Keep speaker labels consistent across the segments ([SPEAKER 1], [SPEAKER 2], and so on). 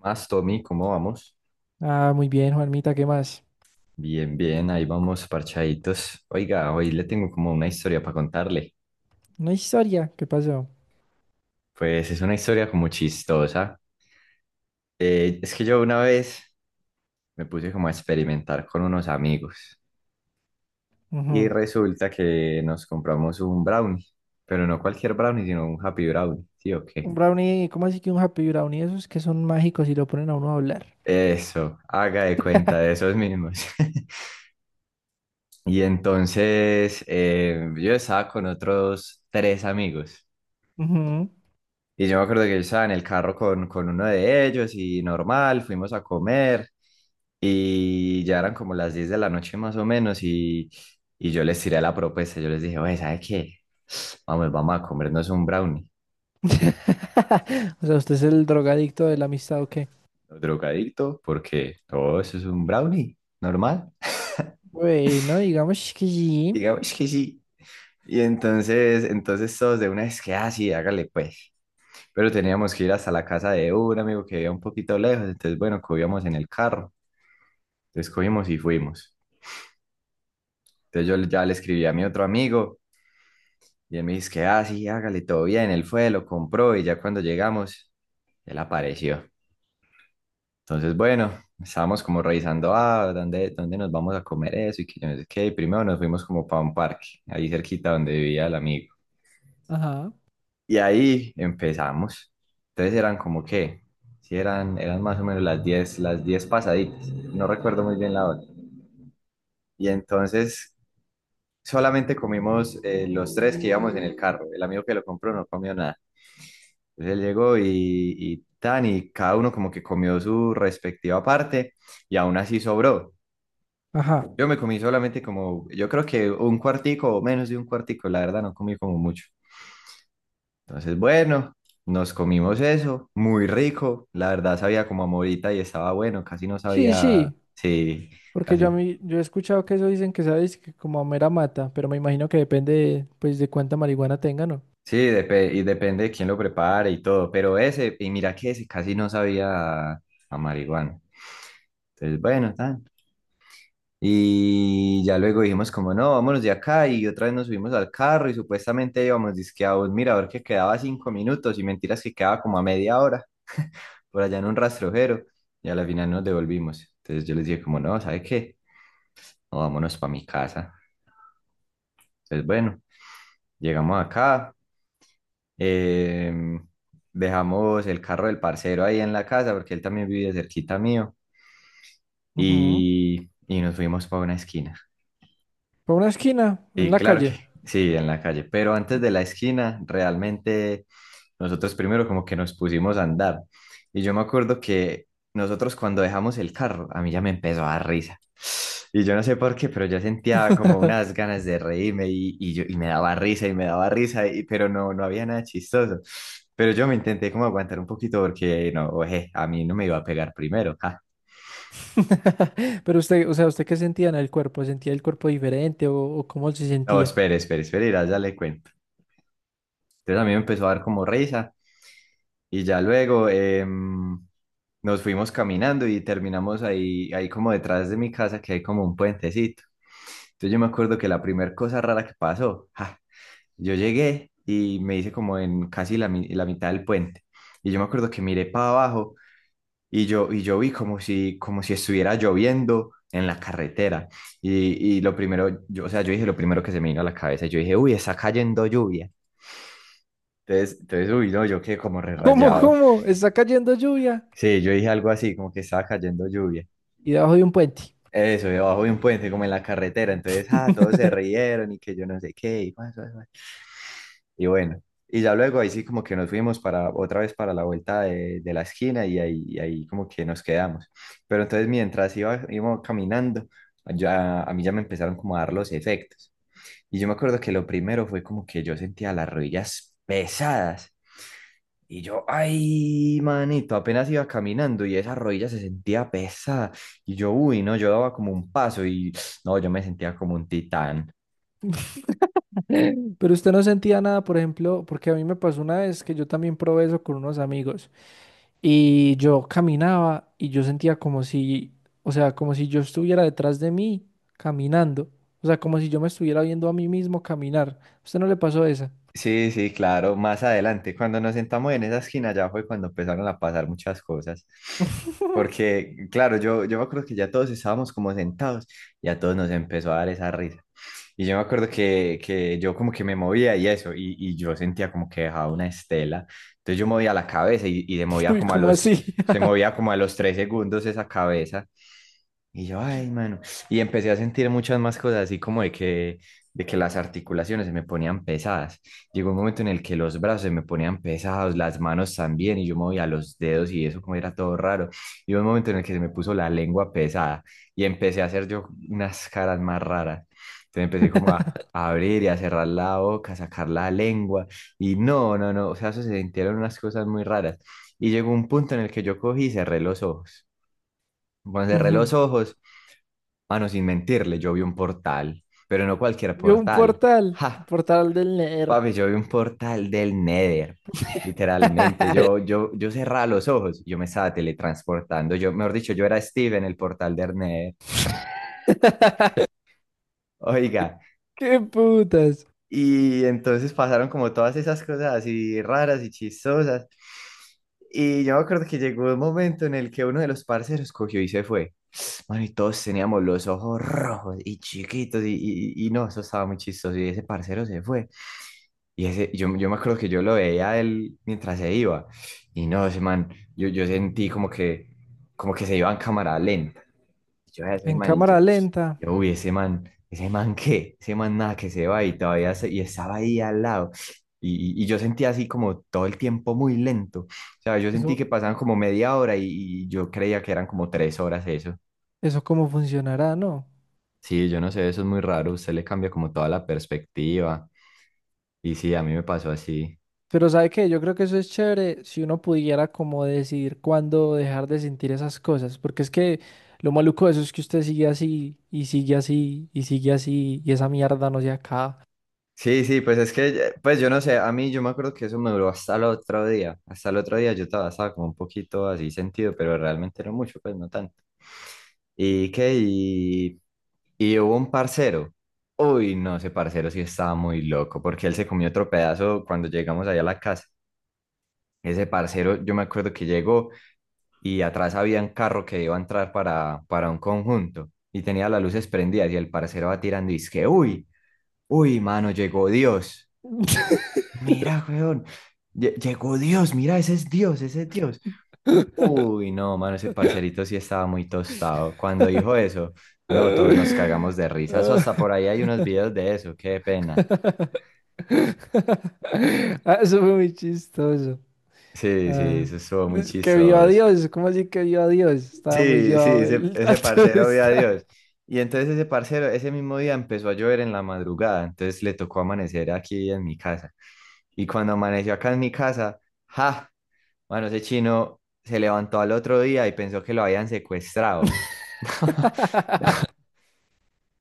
[SPEAKER 1] Más, Tommy, ¿cómo vamos?
[SPEAKER 2] Ah, muy bien, Juanmita, ¿qué más?
[SPEAKER 1] Bien, bien, ahí vamos parchaditos. Oiga, hoy le tengo como una historia para contarle.
[SPEAKER 2] Una historia, ¿qué pasó?
[SPEAKER 1] Pues es una historia como chistosa. Es que yo una vez me puse como a experimentar con unos amigos y
[SPEAKER 2] Ujú.
[SPEAKER 1] resulta que nos compramos un brownie, pero no cualquier brownie, sino un happy brownie, ¿sí o qué?
[SPEAKER 2] Un brownie, ¿cómo así que un happy brownie? Esos que son mágicos y lo ponen a uno a hablar.
[SPEAKER 1] Eso, haga de cuenta de esos mismos. Y entonces yo estaba con otros tres amigos.
[SPEAKER 2] Ujú.
[SPEAKER 1] Y yo me acuerdo que yo estaba en el carro con uno de ellos y normal, fuimos a comer y ya eran como las 10 de la noche más o menos y yo les tiré la propuesta, yo les dije, oye, ¿sabe qué? Vamos, vamos a comernos un brownie.
[SPEAKER 2] O sea, ¿usted es el drogadicto de la amistad o qué?
[SPEAKER 1] Los drogadictos, porque todo eso es un brownie, normal.
[SPEAKER 2] Bueno, digamos que sí.
[SPEAKER 1] Digamos, es que sí. Y entonces, todos de una vez que, ah, sí, hágale pues. Pero teníamos que ir hasta la casa de un amigo que vivía un poquito lejos, entonces bueno, cogíamos en el carro, entonces cogimos y fuimos. Entonces yo ya le escribí a mi otro amigo y él me dice que, ah, sí, hágale, todo bien. Él fue, lo compró y ya cuando llegamos, él apareció. Entonces, bueno, estábamos como revisando, ah, ¿dónde nos vamos a comer eso? Y que yo no sé qué. Y primero nos fuimos como para un parque, ahí cerquita donde vivía el amigo.
[SPEAKER 2] Ajá.
[SPEAKER 1] Y ahí empezamos. Entonces eran como que, sí, eran más o menos las 10 las 10 pasaditas. No recuerdo muy bien la hora. Y entonces solamente comimos los tres que íbamos en el carro. El amigo que lo compró no comió nada. Él llegó y tan, y cada uno como que comió su respectiva parte y aún así sobró.
[SPEAKER 2] Ajá.
[SPEAKER 1] Yo me comí solamente como, yo creo que un cuartico o menos de un cuartico, la verdad no comí como mucho. Entonces, bueno, nos comimos eso, muy rico, la verdad sabía como a morita y estaba bueno, casi no
[SPEAKER 2] Sí,
[SPEAKER 1] sabía,
[SPEAKER 2] sí.
[SPEAKER 1] sí,
[SPEAKER 2] Porque yo,
[SPEAKER 1] casi.
[SPEAKER 2] yo he escuchado que eso dicen que sabes que como a mera mata, pero me imagino que depende de, pues de cuánta marihuana tengan, ¿no?
[SPEAKER 1] Sí, depe- y depende de quién lo prepare y todo, pero ese, y mira que ese casi no sabía a marihuana. Entonces, bueno, tan. Y ya luego dijimos como no, vámonos de acá y otra vez nos subimos al carro y supuestamente íbamos dizque a un mirador que quedaba 5 minutos y mentiras que quedaba como a media hora por allá en un rastrojero y a la final nos devolvimos. Entonces yo les dije como no, ¿sabe qué? No, vámonos para mi casa. Entonces bueno, llegamos acá, em, dejamos el carro del parcero ahí en la casa porque él también vive cerquita mío
[SPEAKER 2] Ujú.
[SPEAKER 1] y nos fuimos para una esquina.
[SPEAKER 2] Por una esquina, en
[SPEAKER 1] Sí,
[SPEAKER 2] la
[SPEAKER 1] claro que
[SPEAKER 2] calle.
[SPEAKER 1] sí, en la calle, pero antes
[SPEAKER 2] Y-
[SPEAKER 1] de la esquina, realmente nosotros primero como que nos pusimos a andar. Y yo me acuerdo que nosotros cuando dejamos el carro, a mí ya me empezó a dar risa. Y yo no sé por qué, pero yo sentía como unas ganas de reírme y yo, y me daba risa y me daba risa, y- pero no, no había nada chistoso. Pero yo me intenté como aguantar un poquito porque no, oje, a mí no me iba a pegar primero. Ja.
[SPEAKER 2] Pero usted, o sea, ¿usted qué sentía en el cuerpo? ¿Sentía el cuerpo diferente o cómo se
[SPEAKER 1] No,
[SPEAKER 2] sentía?
[SPEAKER 1] espere, espere, espere, ya, ya le cuento. Entonces a mí me empezó a dar como risa. Y ya luego nos fuimos caminando y terminamos ahí, ahí como detrás de mi casa, que hay como un puentecito. Entonces yo me acuerdo que la primera cosa rara que pasó, ja, yo llegué y me hice como en casi la, mi- la mitad del puente. Y yo me acuerdo que miré para abajo y yo vi como si estuviera lloviendo en la carretera. Y lo primero, yo, o sea, yo dije lo primero que se me vino a la cabeza, yo dije, uy, está cayendo lluvia. Entonces, uy, no, yo quedé como re
[SPEAKER 2] ¿Cómo,
[SPEAKER 1] rayado.
[SPEAKER 2] cómo? Está cayendo lluvia
[SPEAKER 1] Sí, yo dije algo así, como que estaba cayendo lluvia.
[SPEAKER 2] y debajo de un puente.
[SPEAKER 1] Eso, debajo de un puente, como en la carretera. Entonces, ah, todos se rieron y que yo no sé qué. Y, guas, guas, guas. Y bueno, y ya luego ahí sí como que nos fuimos para otra vez para la vuelta de la esquina y ahí como que nos quedamos. Pero entonces mientras íbamos caminando, ya, a mí ya me empezaron como a dar los efectos. Y yo me acuerdo que lo primero fue como que yo sentía las rodillas pesadas. Y yo, ay, manito, apenas iba caminando y esa rodilla se sentía pesada. Y yo, uy, no, yo daba como un paso y no, yo me sentía como un titán.
[SPEAKER 2] Pero usted no sentía nada, por ejemplo, porque a mí me pasó una vez que yo también probé eso con unos amigos y yo caminaba y yo sentía como si, o sea, como si yo estuviera detrás de mí caminando. O sea, como si yo me estuviera viendo a mí mismo caminar. ¿A ¿Usted no le pasó esa?
[SPEAKER 1] Sí, sí, claro, más adelante, cuando nos sentamos en esa esquina, ya fue cuando empezaron a pasar muchas cosas. Porque, claro, yo me acuerdo que ya todos estábamos como sentados y a todos nos empezó a dar esa risa. Y yo me acuerdo que yo como que me movía y eso, y yo sentía como que dejaba una estela. Entonces yo movía la cabeza y se movía
[SPEAKER 2] Uy,
[SPEAKER 1] como a
[SPEAKER 2] ¿cómo
[SPEAKER 1] los,
[SPEAKER 2] así?
[SPEAKER 1] se movía como a los 3 segundos esa cabeza. Y yo, ay, mano. Y empecé a sentir muchas más cosas, así como de que las articulaciones se me ponían pesadas. Llegó un momento en el que los brazos se me ponían pesados, las manos también, y yo movía los dedos y eso como era todo raro. Y hubo un momento en el que se me puso la lengua pesada y empecé a hacer yo unas caras más raras. Entonces empecé como a abrir y a cerrar la boca, a sacar la lengua. Y no, no, no, o sea, eso se sintieron unas cosas muy raras. Y llegó un punto en el que yo cogí y cerré los ojos. Cuando cerré
[SPEAKER 2] Ujú.
[SPEAKER 1] los ojos, mano, sin mentirle, yo vi un portal, pero no cualquier
[SPEAKER 2] Vio un
[SPEAKER 1] portal.
[SPEAKER 2] portal, el
[SPEAKER 1] Ja,
[SPEAKER 2] portal del Ner.
[SPEAKER 1] papi, yo vi un portal del Nether. Literalmente, yo cerraba los ojos, yo me estaba teletransportando. Yo, mejor dicho, yo era Steve en el portal del Nether. Oiga,
[SPEAKER 2] ¡Qué putas!
[SPEAKER 1] y entonces pasaron como todas esas cosas así raras y chistosas. Y yo me acuerdo que llegó un momento en el que uno de los parceros cogió y se fue. Mano, y todos teníamos los ojos rojos y chiquitos, y no, eso estaba muy chistoso. Y ese parcero se fue. Y ese, yo me acuerdo que yo lo veía a él mientras se iba. Y no, ese man, yo sentí como que se iba en cámara lenta. Yo veía a ese
[SPEAKER 2] En
[SPEAKER 1] man y yo,
[SPEAKER 2] cámara lenta.
[SPEAKER 1] yo, uy, ese man qué, ese man nada que se va y todavía se- y estaba ahí al lado. Y yo sentía así como todo el tiempo muy lento. O sea, yo sentí que
[SPEAKER 2] Eso,
[SPEAKER 1] pasaban como media hora y yo creía que eran como 3 horas eso.
[SPEAKER 2] eso cómo funcionará, ¿no?
[SPEAKER 1] Sí, yo no sé, eso es muy raro. Usted le cambia como toda la perspectiva. Y sí, a mí me pasó así.
[SPEAKER 2] Pero ¿sabe qué? Yo creo que eso es chévere si uno pudiera como decidir cuándo dejar de sentir esas cosas. Porque es que lo maluco de eso es que usted sigue así, y sigue así, y sigue así, y esa mierda no se acaba.
[SPEAKER 1] Sí, sí, pues es que, pues yo no sé, a mí yo me acuerdo que eso me duró hasta el otro día, hasta el otro día yo estaba, estaba como un poquito así sentido, pero realmente no mucho, pues no tanto. ¿Y qué? Y hubo un parcero, uy, no, ese parcero sí estaba muy loco, porque él se comió otro pedazo cuando llegamos allá a la casa. Ese parcero, yo me acuerdo que llegó y atrás había un carro que iba a entrar para un conjunto y tenía las luces prendidas y el parcero va tirando y es que, uy, uy, mano, llegó Dios. Mira, weón. Llegó Dios, mira, ese es Dios, ese es Dios. Uy, no, mano, ese parcerito sí estaba muy tostado. Cuando dijo eso, no, todos nos cagamos de risa. Eso
[SPEAKER 2] Ah,
[SPEAKER 1] hasta por ahí hay unos videos de eso, qué pena.
[SPEAKER 2] ah, eso fue muy chistoso.
[SPEAKER 1] Sí, sí,
[SPEAKER 2] Ah,
[SPEAKER 1] eso estuvo muy
[SPEAKER 2] es que vio a
[SPEAKER 1] chistoso.
[SPEAKER 2] Dios, ¿cómo así que vio a Dios? Estaba muy
[SPEAKER 1] Sí, sí,
[SPEAKER 2] llevado el
[SPEAKER 1] ese
[SPEAKER 2] tanto.
[SPEAKER 1] parcero vio a Dios. Y entonces ese parcero, ese mismo día empezó a llover en la madrugada, entonces le tocó amanecer aquí en mi casa. Y cuando amaneció acá en mi casa, ¡ja! Bueno, ese chino se levantó al otro día y pensó que lo habían secuestrado.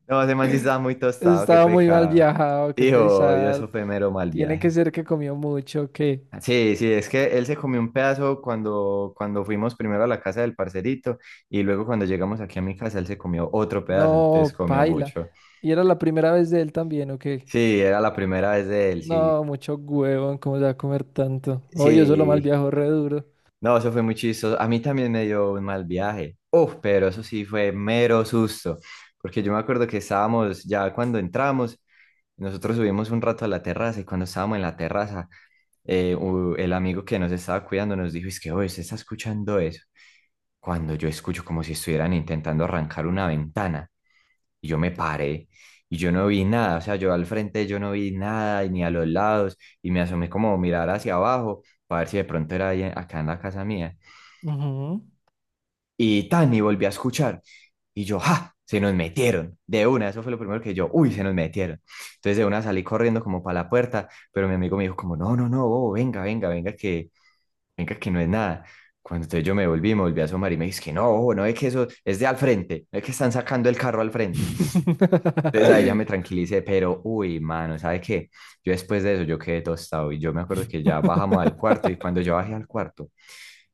[SPEAKER 1] No, ese man sí estaba muy tostado, qué
[SPEAKER 2] Estaba muy mal
[SPEAKER 1] pecado.
[SPEAKER 2] viajado, qué
[SPEAKER 1] Dijo, y eso
[SPEAKER 2] pesar.
[SPEAKER 1] fue mero mal
[SPEAKER 2] Tiene que
[SPEAKER 1] viaje.
[SPEAKER 2] ser que comió mucho, que
[SPEAKER 1] Sí, sí, es que él se comió un pedazo cuando fuimos primero a la casa del parcerito y luego cuando llegamos aquí a mi casa él se comió otro pedazo, entonces
[SPEAKER 2] no,
[SPEAKER 1] comió
[SPEAKER 2] paila.
[SPEAKER 1] mucho.
[SPEAKER 2] Y era la primera vez de él también, ¿o qué?
[SPEAKER 1] Sí, era la primera vez de él, sí.
[SPEAKER 2] No, mucho huevón, ¿cómo se va a comer tanto? Oh, yo solo mal
[SPEAKER 1] Sí,
[SPEAKER 2] viajo re duro.
[SPEAKER 1] no, eso fue muy chistoso. A mí también me dio un mal viaje. Uf, pero eso sí fue mero susto. Porque yo me acuerdo que estábamos, ya cuando entramos, nosotros subimos un rato a la terraza y cuando estábamos en la terraza, el amigo que nos estaba cuidando nos dijo, es que, oye, ¿usted está escuchando eso? Cuando yo escucho como si estuvieran intentando arrancar una ventana y yo me paré y yo no vi nada. O sea, yo al frente yo no vi nada y ni a los lados y me asomé como a mirar hacia abajo para ver si de pronto era ahí, acá en la casa mía.
[SPEAKER 2] Ujú.
[SPEAKER 1] Y tan, y volví a escuchar. Y yo, ¡ja! Se nos metieron. De una, eso fue lo primero que yo, uy, se nos metieron. Entonces de una salí corriendo como para la puerta, pero mi amigo me dijo como, no, no, no, bobo, venga, venga, venga, que no es nada. Cuando entonces yo me volví a asomar y me dije, es que no, bobo, no es que eso es de al frente, no es que están sacando el carro al frente. Entonces ahí ya me tranquilicé, pero uy, mano, ¿sabe qué? Yo después de eso yo quedé tostado y yo me acuerdo que ya bajamos al cuarto y cuando yo bajé al cuarto,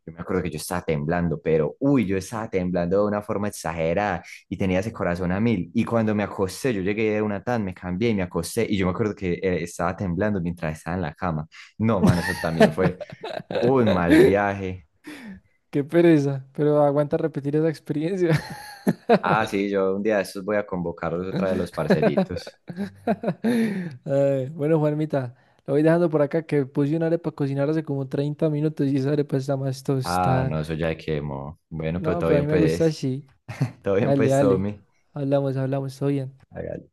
[SPEAKER 1] yo me acuerdo que yo estaba temblando, pero uy, yo estaba temblando de una forma exagerada y tenía ese corazón a mil. Y cuando me acosté, yo llegué de una tan, me cambié y me acosté y yo me acuerdo que estaba temblando mientras estaba en la cama. No, mano, eso también fue un mal viaje.
[SPEAKER 2] Qué pereza, pero aguanta repetir esa experiencia.
[SPEAKER 1] Ah, sí, yo un día de estos voy a convocarlos otra vez a los parceritos.
[SPEAKER 2] Ay, bueno, Juanmita, lo voy dejando por acá que puse una arepa a cocinar hace como 30 minutos y esa arepa está más
[SPEAKER 1] Ah, no, eso
[SPEAKER 2] tostada.
[SPEAKER 1] ya quemo. Bueno, pero
[SPEAKER 2] No,
[SPEAKER 1] todo
[SPEAKER 2] pero a
[SPEAKER 1] bien,
[SPEAKER 2] mí me gusta
[SPEAKER 1] pues.
[SPEAKER 2] así.
[SPEAKER 1] Todo bien,
[SPEAKER 2] Dale,
[SPEAKER 1] pues,
[SPEAKER 2] dale.
[SPEAKER 1] Tommy.
[SPEAKER 2] Hablamos, hablamos, todo bien.
[SPEAKER 1] Hágale.